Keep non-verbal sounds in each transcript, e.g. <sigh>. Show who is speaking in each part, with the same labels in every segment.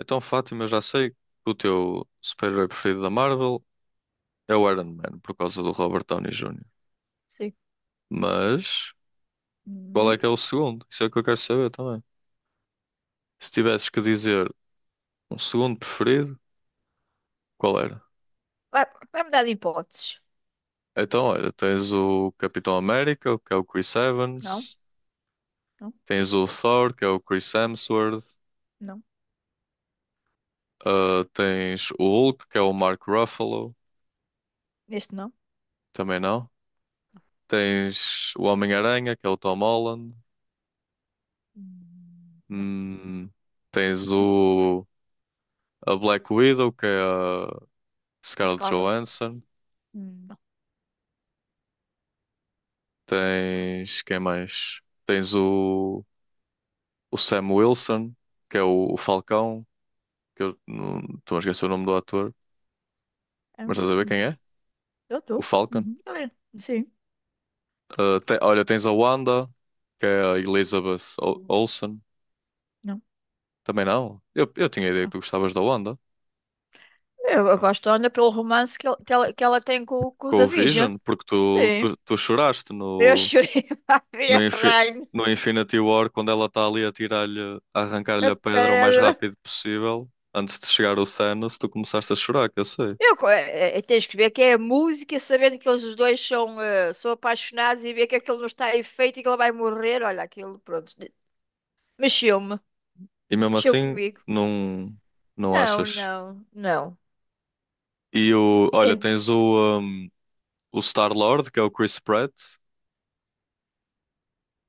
Speaker 1: Então, Fátima, eu já sei que o teu super-herói preferido da Marvel é o Iron Man, por causa do Robert Downey Jr.
Speaker 2: Sim.
Speaker 1: Mas qual é
Speaker 2: Hum.
Speaker 1: que é o segundo? Isso é o que eu quero saber também. Se tivesses que dizer um segundo preferido, qual era?
Speaker 2: Vai, vai-me dar de hipóteses.
Speaker 1: Então, olha, tens o Capitão América, que é o Chris
Speaker 2: Não,
Speaker 1: Evans,
Speaker 2: não,
Speaker 1: tens o Thor, que é o Chris Hemsworth,
Speaker 2: não.
Speaker 1: ah, tens o Hulk, que é o Mark Ruffalo,
Speaker 2: Este não.
Speaker 1: também não. Tens o Homem-Aranha, que é o Tom Holland.
Speaker 2: Não.
Speaker 1: Hum. tens
Speaker 2: Hum, hum.
Speaker 1: o. A Black Widow, que é a
Speaker 2: A
Speaker 1: Scarlett
Speaker 2: Scarlett.
Speaker 1: Johansson.
Speaker 2: Não.
Speaker 1: Tens quem mais? Tens o Sam Wilson, que é o Falcão, que eu não estou a esquecer o nome do ator,
Speaker 2: É,
Speaker 1: mas
Speaker 2: um-
Speaker 1: estás a ver quem
Speaker 2: hum.
Speaker 1: é?
Speaker 2: Eu
Speaker 1: O
Speaker 2: estou.
Speaker 1: Falcon.
Speaker 2: Uhum. Ele é. Sim.
Speaker 1: Ah, olha, tens a Wanda, que é a Elizabeth Olsen.
Speaker 2: Não.
Speaker 1: Também não. Eu tinha a ideia que
Speaker 2: Ah.
Speaker 1: tu gostavas da Wanda.
Speaker 2: Eu gosto ainda pelo romance que ela tem com o
Speaker 1: Com o
Speaker 2: Davision.
Speaker 1: Vision, porque tu,
Speaker 2: Sim.
Speaker 1: tu, tu choraste
Speaker 2: Eu chorei <laughs> a ver
Speaker 1: No,
Speaker 2: a
Speaker 1: Infi-
Speaker 2: rainha,
Speaker 1: no Infinity War, quando ela está ali a tirar-lhe, a arrancar-lhe
Speaker 2: a
Speaker 1: a pedra o mais
Speaker 2: pedra.
Speaker 1: rápido possível, antes de chegar o Thanos, tu começaste a chorar, que eu sei.
Speaker 2: Eu, co- é, é, é, Tens que ver que é a música, sabendo que eles os dois são, são apaixonados e ver que aquilo não está em feito e que ela vai morrer. Olha, aquilo, pronto, mexeu-me.
Speaker 1: E mesmo
Speaker 2: Mexeu
Speaker 1: assim,
Speaker 2: comigo?
Speaker 1: não, não
Speaker 2: Não,
Speaker 1: achas?
Speaker 2: não, não.
Speaker 1: E olha,
Speaker 2: En-
Speaker 1: tens o Star-Lord, que é o Chris Pratt,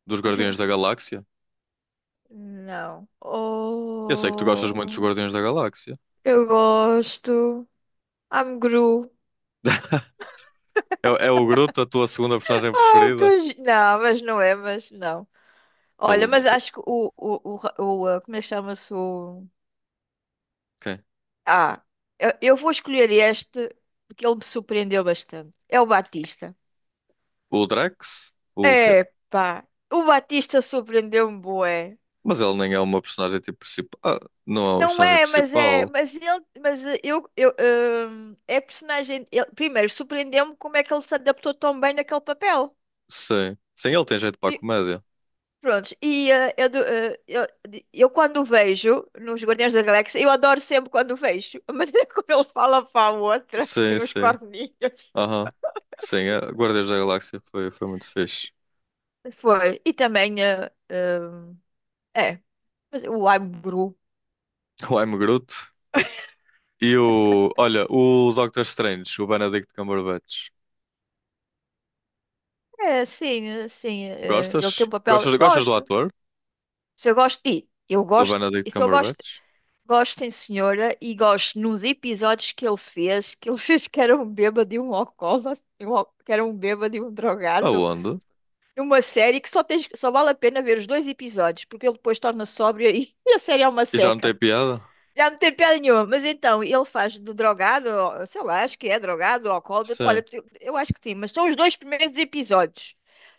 Speaker 1: dos Guardiões da
Speaker 2: <laughs>
Speaker 1: Galáxia.
Speaker 2: Não.
Speaker 1: Eu sei que tu gostas muito dos
Speaker 2: Oh,
Speaker 1: Guardiões da Galáxia.
Speaker 2: eu gosto. I'm Gru.
Speaker 1: <laughs> É, o é o Groot, a tua segunda personagem preferida?
Speaker 2: Não, mas não.
Speaker 1: Que
Speaker 2: Olha,
Speaker 1: ele não
Speaker 2: mas
Speaker 1: tem.
Speaker 2: acho que o, ra- o, ah, como é que chama-se o...
Speaker 1: Quem?
Speaker 2: Ah, eu vou escolher este porque ele me surpreendeu bastante. É o Batista.
Speaker 1: O Drax? O quê?
Speaker 2: É, pá. O Batista surpreendeu-me bué.
Speaker 1: Mas ele nem é uma personagem tipo principal. Ah, não é uma
Speaker 2: Não
Speaker 1: personagem
Speaker 2: é, mas é,
Speaker 1: principal.
Speaker 2: mas é personagem. Primeiro, surpreendeu-me como é que ele se adaptou tão bem naquele papel.
Speaker 1: Sim. Sim, ele tem jeito para a
Speaker 2: Pri-
Speaker 1: comédia.
Speaker 2: Prontos, e eh, eu, do- eh, eu quando o vejo nos Guardiões da Galáxia, eu adoro sempre quando o vejo. <laughs> A maneira como ele fala para a outra, que
Speaker 1: Sim,
Speaker 2: tem os
Speaker 1: sim.
Speaker 2: corninhos.
Speaker 1: Aham. Sim, a Guardiões da Galáxia foi muito fixe. <laughs>
Speaker 2: Foi, e também, é, mas o I'm Gru.
Speaker 1: O I'm Groot. E o. Olha, o Doctor Strange, o Benedict Cumberbatch. Gostas?
Speaker 2: Ele tem um papel,
Speaker 1: Gostas, gostas do
Speaker 2: gosto.
Speaker 1: ator?
Speaker 2: Se eu gosto, e eu
Speaker 1: Do
Speaker 2: gosto,
Speaker 1: Benedict
Speaker 2: e se eu gosto.
Speaker 1: Cumberbatch?
Speaker 2: Gosto em Senhora e gosto nos episódios que ele fez, que ele <laughs> fez que era um bêbado e um alcoólatra, e que era um bêbado e um drogado,
Speaker 1: Aonde?
Speaker 2: numa série que só, tens, só vale a pena ver os dois episódios, porque ele depois torna sóbrio e, <laughs> e a série é uma
Speaker 1: E já não
Speaker 2: seca.
Speaker 1: tem piada?
Speaker 2: Já não tem piada nenhuma, mas então, ele faz de drogado, sei lá, acho que é drogado ou alcoólatra,
Speaker 1: Sim.
Speaker 2: olha, eu acho que sim, mas são os dois primeiros episódios.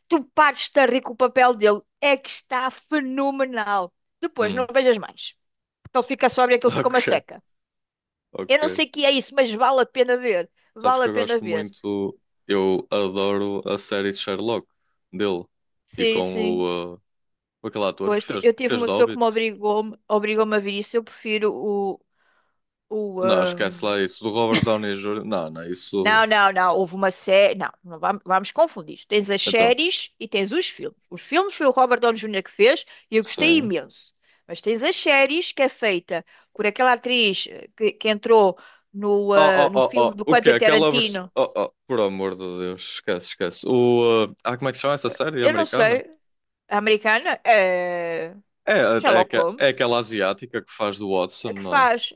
Speaker 2: Tu partes-te a rir com o papel dele, é que está fenomenal. Depois não
Speaker 1: Hum. <laughs>
Speaker 2: vejas mais. Ele fica sóbrio, e aquilo fica uma
Speaker 1: Ok,
Speaker 2: seca. Eu não
Speaker 1: ok.
Speaker 2: sei o que é isso, mas vale a pena ver.
Speaker 1: Sabes
Speaker 2: Vale
Speaker 1: que
Speaker 2: a
Speaker 1: eu
Speaker 2: pena
Speaker 1: gosto
Speaker 2: ver.
Speaker 1: muito. Eu adoro a série de Sherlock dele. E
Speaker 2: Sim,
Speaker 1: com
Speaker 2: sim.
Speaker 1: o. Aquele ator que
Speaker 2: Pois,
Speaker 1: fez,
Speaker 2: eu
Speaker 1: que
Speaker 2: tive
Speaker 1: fez
Speaker 2: uma
Speaker 1: de
Speaker 2: pessoa que
Speaker 1: Hobbit.
Speaker 2: me obrigou-me obrigou-me a ver isso. Eu prefiro o. o
Speaker 1: Não, esquece
Speaker 2: ahm,
Speaker 1: lá isso. Do Robert Downey Jr. Não, não, isso.
Speaker 2: Não, não, não. Houve uma série. Não, vamos confundir isto. Tens as
Speaker 1: Então,
Speaker 2: séries e tens os filmes. Os filmes foi o Robert Downey Jr. que fez e eu gostei
Speaker 1: sim.
Speaker 2: imenso. Mas tens as séries que é feita por aquela atriz que entrou no,
Speaker 1: Oh, oh,
Speaker 2: no
Speaker 1: oh, oh.
Speaker 2: filme do
Speaker 1: O quê?
Speaker 2: Quentin
Speaker 1: Aquela versão.
Speaker 2: Tarantino.
Speaker 1: Oh, oh, por amor de Deus, esquece, esquece. Ah, como é que se chama essa série
Speaker 2: Eu não
Speaker 1: americana?
Speaker 2: sei. A americana? É.
Speaker 1: É, é, é
Speaker 2: Sherlock
Speaker 1: aque- é
Speaker 2: Holmes.
Speaker 1: aquela asiática que faz do Watson,
Speaker 2: A que
Speaker 1: não é?
Speaker 2: faz.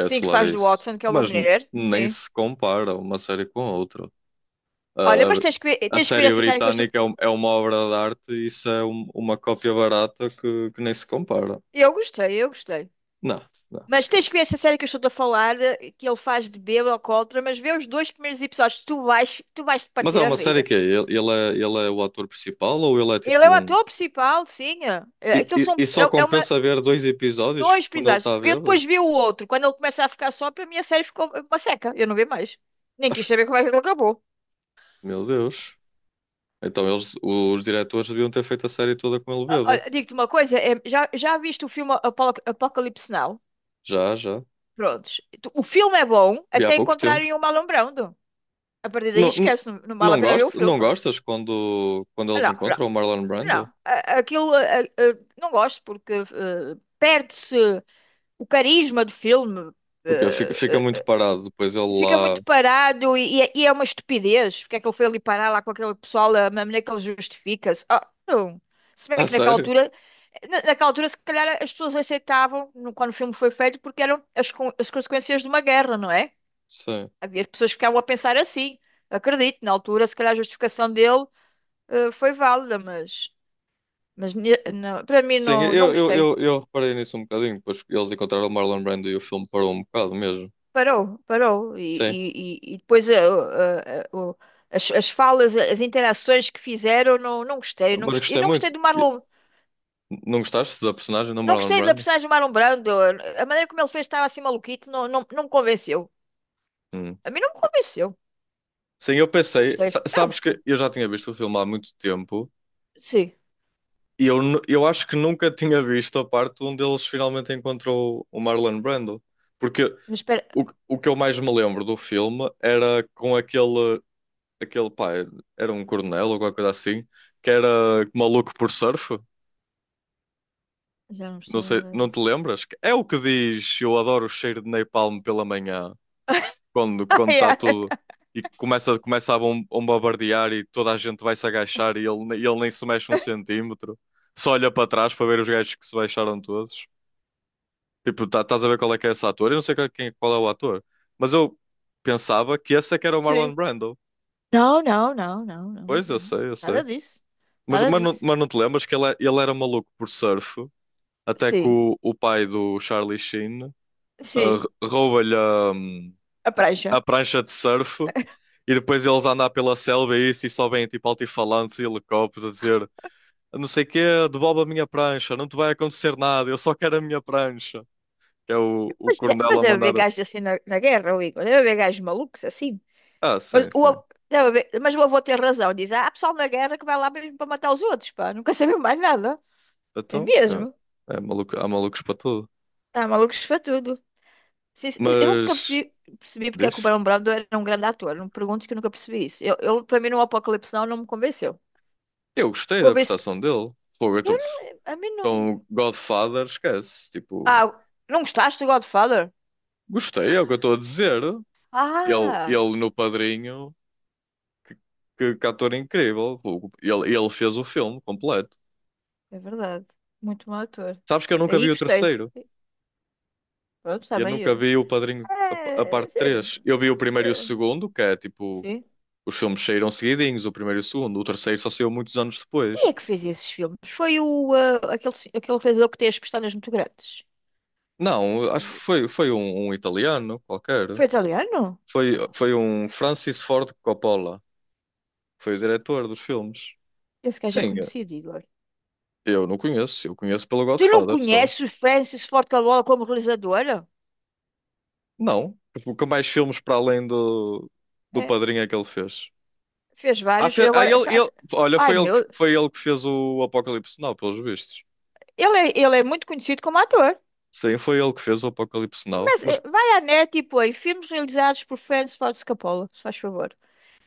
Speaker 2: Sim, que
Speaker 1: lá
Speaker 2: faz do
Speaker 1: isso.
Speaker 2: Watson, que é uma
Speaker 1: Mas
Speaker 2: mulher.
Speaker 1: nem
Speaker 2: Sim.
Speaker 1: se compara uma série com a outra.
Speaker 2: Olha,
Speaker 1: A,
Speaker 2: mas
Speaker 1: a- a
Speaker 2: tens que ver
Speaker 1: série
Speaker 2: essa série que eu estou.
Speaker 1: britânica é uma obra de arte, e isso é uma cópia barata que nem se compara.
Speaker 2: Eu gostei.
Speaker 1: Não, não,
Speaker 2: Mas tens que ver
Speaker 1: esquece.
Speaker 2: essa série que eu estou a falar, que ele faz de bêbado alcoólatra, mas vê os dois primeiros episódios, tu vais te
Speaker 1: Mas
Speaker 2: partir
Speaker 1: é
Speaker 2: a
Speaker 1: uma série
Speaker 2: rir.
Speaker 1: que é? Ele é o ator principal, ou ele é
Speaker 2: Ele é o
Speaker 1: tipo um.
Speaker 2: ator principal, sim. é.
Speaker 1: E,
Speaker 2: Aquilo
Speaker 1: e-
Speaker 2: são,
Speaker 1: e só
Speaker 2: é, é uma,
Speaker 1: compensa ver dois episódios
Speaker 2: dois
Speaker 1: quando ele
Speaker 2: episódios.
Speaker 1: está
Speaker 2: Eu
Speaker 1: bêbado?
Speaker 2: depois vi o outro, quando ele começa a ficar só, para mim a série ficou uma seca. Eu não vi mais. Nem quis saber como é que ele acabou.
Speaker 1: Meu Deus. Então eles, os diretores deviam ter feito a série toda com ele
Speaker 2: Ah,
Speaker 1: bêbado.
Speaker 2: olha, digo-te uma coisa, já viste o filme Apocalipse Now?
Speaker 1: Já, já.
Speaker 2: Prontos. O filme é bom
Speaker 1: Vi há
Speaker 2: até
Speaker 1: pouco tempo.
Speaker 2: encontrarem o Marlon Brando. A partir daí
Speaker 1: Não, não,
Speaker 2: esquece, não, não vale a pena ver o filme.
Speaker 1: não
Speaker 2: Não,
Speaker 1: gostas quando, eles
Speaker 2: não,
Speaker 1: encontram o Marlon Brando?
Speaker 2: não. Aquilo, não gosto porque perde-se o carisma do filme.
Speaker 1: O quê? Fica,
Speaker 2: Eh,
Speaker 1: fica muito
Speaker 2: eh,
Speaker 1: parado. Depois ele
Speaker 2: Fica
Speaker 1: lá.
Speaker 2: muito parado e é uma estupidez. Porque é que ele foi ali parar lá com aquele pessoal, a maneira que ele justifica-se. Ah, não. Se
Speaker 1: <laughs>
Speaker 2: bem
Speaker 1: A
Speaker 2: que naquela
Speaker 1: sério?
Speaker 2: altura, naquela altura, se calhar as pessoas aceitavam quando o filme foi feito porque eram as, as consequências de uma guerra, não é?
Speaker 1: Sim.
Speaker 2: Havia pessoas que ficavam a pensar assim. Acredito, na altura, se calhar a justificação dele foi válida, mas para mim
Speaker 1: Sim,
Speaker 2: não, não
Speaker 1: eu, eu,
Speaker 2: gostei.
Speaker 1: eu, eu reparei nisso um bocadinho. Depois eles encontraram o Marlon Brando e o filme parou um bocado mesmo.
Speaker 2: Parou, parou. E,
Speaker 1: Sim.
Speaker 2: e depois eh, o- as, as falas, as interações que fizeram, não, não gostei, não
Speaker 1: Mas eu
Speaker 2: gostei. E
Speaker 1: gostei
Speaker 2: não
Speaker 1: muito.
Speaker 2: gostei do Marlon,
Speaker 1: Não gostaste da personagem do
Speaker 2: não
Speaker 1: Marlon
Speaker 2: gostei da
Speaker 1: Brando?
Speaker 2: personagem do Marlon Brando. A maneira como ele fez estava assim maluquito, não, não, não me convenceu.
Speaker 1: Hum.
Speaker 2: A mim não me convenceu.
Speaker 1: Sim, eu
Speaker 2: Não
Speaker 1: pensei.
Speaker 2: gostei, eu não
Speaker 1: Sabes
Speaker 2: gostei.
Speaker 1: que eu já tinha visto o filme há muito tempo,
Speaker 2: Sim,
Speaker 1: e eu acho que nunca tinha visto a parte onde eles finalmente encontrou o Marlon Brando. Porque
Speaker 2: mas espera,
Speaker 1: o que eu mais me lembro do filme era com aquele pá, era um coronel ou qualquer coisa assim, que era maluco por surf.
Speaker 2: já não
Speaker 1: Não
Speaker 2: estou a
Speaker 1: sei,
Speaker 2: lembrar
Speaker 1: não te
Speaker 2: disso.
Speaker 1: lembras? É o que diz: eu adoro o cheiro de napalm pela manhã, quando
Speaker 2: <laughs> Ah,
Speaker 1: quando está
Speaker 2: yeah.
Speaker 1: tudo e começa a bombardear e toda a gente vai se agachar, ele nem se mexe um centímetro, só olha para trás para ver os gajos que se baixaram todos. Tipo, tá, estás a ver qual é que é esse ator? Eu não sei qual é o ator, mas eu pensava que esse é que era o Marlon
Speaker 2: Sim.
Speaker 1: Brando.
Speaker 2: Não, não, não, não, não.
Speaker 1: Pois, eu
Speaker 2: não.
Speaker 1: sei eu
Speaker 2: Nada
Speaker 1: sei
Speaker 2: disso.
Speaker 1: mas
Speaker 2: Nada
Speaker 1: mas não,
Speaker 2: disso.
Speaker 1: mas não te lembras que ele era maluco por surf, até que
Speaker 2: Sim,
Speaker 1: o pai do Charlie Sheen,
Speaker 2: sim.
Speaker 1: rouba-lhe a
Speaker 2: A prancha.
Speaker 1: a prancha de surf, e depois eles andam pela selva e isso, e só vêm tipo altifalantes e helicópteros a dizer não sei quê, devolve a minha prancha, não te vai acontecer nada, eu só quero a minha prancha. Que é o
Speaker 2: Mas,
Speaker 1: coronel
Speaker 2: mas
Speaker 1: a
Speaker 2: deve
Speaker 1: mandar.
Speaker 2: haver gajos assim na, na guerra, o Igor. Deve haver gajos malucos assim.
Speaker 1: Ah,
Speaker 2: Mas
Speaker 1: sim,
Speaker 2: o,
Speaker 1: sim.
Speaker 2: deve haver- mas o avô tem razão. Diz, ah, há pessoal na guerra que vai lá mesmo para matar os outros, pá. Nunca sabemos mais nada. É
Speaker 1: Então,
Speaker 2: mesmo.
Speaker 1: é maluco, há malucos para tudo.
Speaker 2: Há malucos para tudo. Sim, sim, mas eu nunca
Speaker 1: Mas,
Speaker 2: percebi, percebi porque é que o
Speaker 1: deixa.
Speaker 2: Barão Brando era um grande ator. Não me perguntes que eu nunca percebi isso. Para mim, no Apocalipse Now não me convenceu.
Speaker 1: Eu gostei da
Speaker 2: Convence...
Speaker 1: prestação dele. Fogo, eu
Speaker 2: Eu
Speaker 1: estou
Speaker 2: não... A mim não...
Speaker 1: com Godfather, esquece. Tipo,
Speaker 2: Ah, não gostaste do Godfather?
Speaker 1: gostei, é o que eu estou a dizer. Ele,
Speaker 2: Ah,
Speaker 1: ele no padrinho. Que, que ator incrível. Ele fez o filme completo.
Speaker 2: é verdade. Muito bom ator.
Speaker 1: Sabes que eu nunca
Speaker 2: Aí
Speaker 1: vi o
Speaker 2: gostei.
Speaker 1: terceiro.
Speaker 2: Pronto,
Speaker 1: Eu
Speaker 2: também.
Speaker 1: nunca vi o Padrinho, a
Speaker 2: É,
Speaker 1: parte
Speaker 2: é,
Speaker 1: três. Eu vi o primeiro e o
Speaker 2: é,
Speaker 1: segundo, que é tipo,
Speaker 2: sim.
Speaker 1: os filmes saíram seguidinhos, o primeiro e o segundo. O terceiro só saiu muitos anos
Speaker 2: Quem é
Speaker 1: depois.
Speaker 2: que fez esses filmes? Foi o, ah, aquele, aquele realizador que tem as pestanas muito grandes.
Speaker 1: Não, acho que
Speaker 2: O-
Speaker 1: foi um italiano qualquer.
Speaker 2: Foi italiano?
Speaker 1: Foi,
Speaker 2: Oh,
Speaker 1: foi um Francis Ford Coppola. Foi o diretor dos filmes.
Speaker 2: esse gajo é
Speaker 1: Sim,
Speaker 2: conhecido, Igor.
Speaker 1: eu não conheço. Eu conheço pelo
Speaker 2: Tu não
Speaker 1: Godfather só.
Speaker 2: conheces o Francis Ford Coppola como realizador?
Speaker 1: Não. Porque mais filmes para além do
Speaker 2: É,
Speaker 1: Padrinho é que ele fez?
Speaker 2: fez vários. E agora,
Speaker 1: Olha,
Speaker 2: ai meu,
Speaker 1: foi ele que fez o Apocalipse Now, pelos vistos.
Speaker 2: ele é muito conhecido como ator.
Speaker 1: Sim, foi ele que fez o Apocalipse Now. Mas
Speaker 2: Começa, vai à net e põe filmes realizados por Francis Ford Coppola, se faz favor.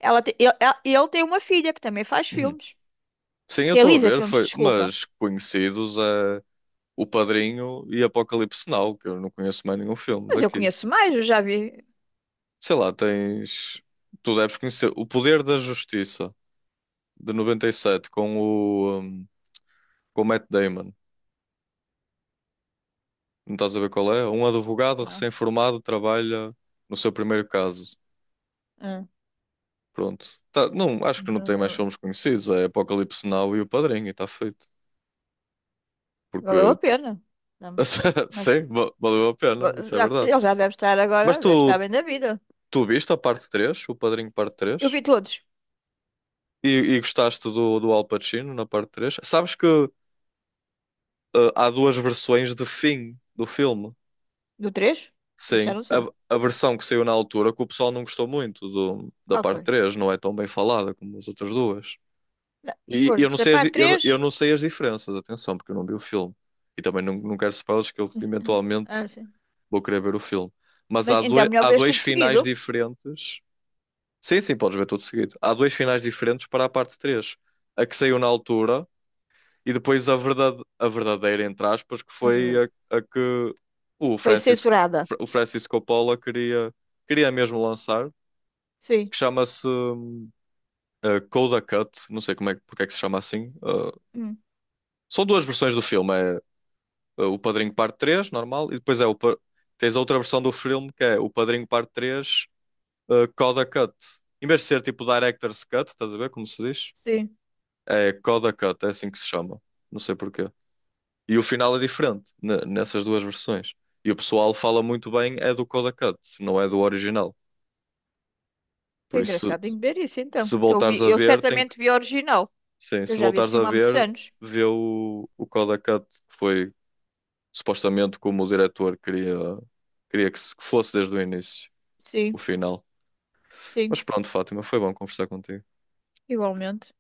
Speaker 2: Ela te- eu, ela- e ele tem uma filha que também faz
Speaker 1: <clears throat>
Speaker 2: filmes.
Speaker 1: sim, eu estou a
Speaker 2: Realiza
Speaker 1: ver,
Speaker 2: filmes,
Speaker 1: foi.
Speaker 2: desculpa.
Speaker 1: Mas conhecidos é O Padrinho e Apocalipse Now, que eu não conheço mais nenhum filme
Speaker 2: Mas eu
Speaker 1: daqui.
Speaker 2: conheço mais, eu já vi.
Speaker 1: Sei lá, tens. Tu deves conhecer O Poder da Justiça, de 97, com o Matt Damon. Não estás a ver qual é? Um advogado
Speaker 2: Não.
Speaker 1: recém-formado trabalha no seu primeiro caso.
Speaker 2: é,
Speaker 1: Pronto. Tá, não, acho que não
Speaker 2: então,
Speaker 1: tem mais
Speaker 2: não-
Speaker 1: filmes conhecidos. É Apocalipse Now e O Padrinho, e está feito.
Speaker 2: Valeu
Speaker 1: Porque,
Speaker 2: a pena. Não,
Speaker 1: <laughs>
Speaker 2: Mas
Speaker 1: sim, valeu a
Speaker 2: va-
Speaker 1: pena, isso é
Speaker 2: já,
Speaker 1: verdade.
Speaker 2: ele já deve estar
Speaker 1: Mas
Speaker 2: agora, deve estar
Speaker 1: tu,
Speaker 2: bem da vida.
Speaker 1: tu viste a parte três. O Padrinho parte
Speaker 2: Eu
Speaker 1: três?
Speaker 2: vi todos.
Speaker 1: E gostaste do Al Pacino na parte três? Sabes que há duas versões de fim do filme.
Speaker 2: Do 3. Isso já
Speaker 1: Sim,
Speaker 2: não
Speaker 1: a,
Speaker 2: sei.
Speaker 1: a versão que saiu na altura, que o pessoal não gostou muito da
Speaker 2: Qual
Speaker 1: parte
Speaker 2: foi?
Speaker 1: três, não é tão bem falada como as outras duas.
Speaker 2: Não,
Speaker 1: E eu
Speaker 2: pronto,
Speaker 1: não
Speaker 2: sei
Speaker 1: sei as,
Speaker 2: para
Speaker 1: di- eu
Speaker 2: 3.
Speaker 1: não sei as diferenças, atenção, porque eu não vi o filme. E também não quero spoilers, que eu eventualmente
Speaker 2: Ah, sim.
Speaker 1: vou querer ver o filme. Mas
Speaker 2: Mas
Speaker 1: há,
Speaker 2: então é
Speaker 1: doi-
Speaker 2: melhor
Speaker 1: há
Speaker 2: vês
Speaker 1: dois
Speaker 2: tudo
Speaker 1: finais
Speaker 2: seguido.
Speaker 1: diferentes. Sim, sim, podes ver tudo seguido. Há dois finais diferentes para a parte três. A que saiu na altura, e depois a verdadeira, entre aspas, que
Speaker 2: É
Speaker 1: foi
Speaker 2: verdade.
Speaker 1: a que o
Speaker 2: Foi
Speaker 1: Francis,
Speaker 2: censurada.
Speaker 1: o Francis Coppola queria mesmo lançar,
Speaker 2: Sim.
Speaker 1: que chama-se Coda Cut, não sei como é, porque é que se chama assim.
Speaker 2: Hum,
Speaker 1: São duas versões do filme, é o Padrinho Parte 3, normal, e depois tens a outra versão do filme, que é o Padrinho Parte 3, Coda Cut. Em vez de ser tipo Director's Cut, estás a ver como se diz?
Speaker 2: sim.
Speaker 1: É Coda Cut, é assim que se chama. Não sei porquê. E o final é diferente nessas duas versões. E o pessoal fala muito bem é do Coda Cut, não é do original.
Speaker 2: Que
Speaker 1: Por isso,
Speaker 2: engraçado, tenho
Speaker 1: se,
Speaker 2: que ver isso então.
Speaker 1: se
Speaker 2: Que eu vi,
Speaker 1: voltares a
Speaker 2: eu
Speaker 1: ver, tem que.
Speaker 2: certamente vi a original.
Speaker 1: Sim,
Speaker 2: Eu
Speaker 1: se
Speaker 2: já vi esse
Speaker 1: voltares a
Speaker 2: filme há muitos
Speaker 1: ver,
Speaker 2: anos.
Speaker 1: vê o Coda Cut, que foi supostamente como o diretor queria, queria que se- que fosse desde o início o
Speaker 2: Sim,
Speaker 1: final. Mas
Speaker 2: sim,
Speaker 1: pronto, Fátima, foi bom conversar contigo.
Speaker 2: igualmente.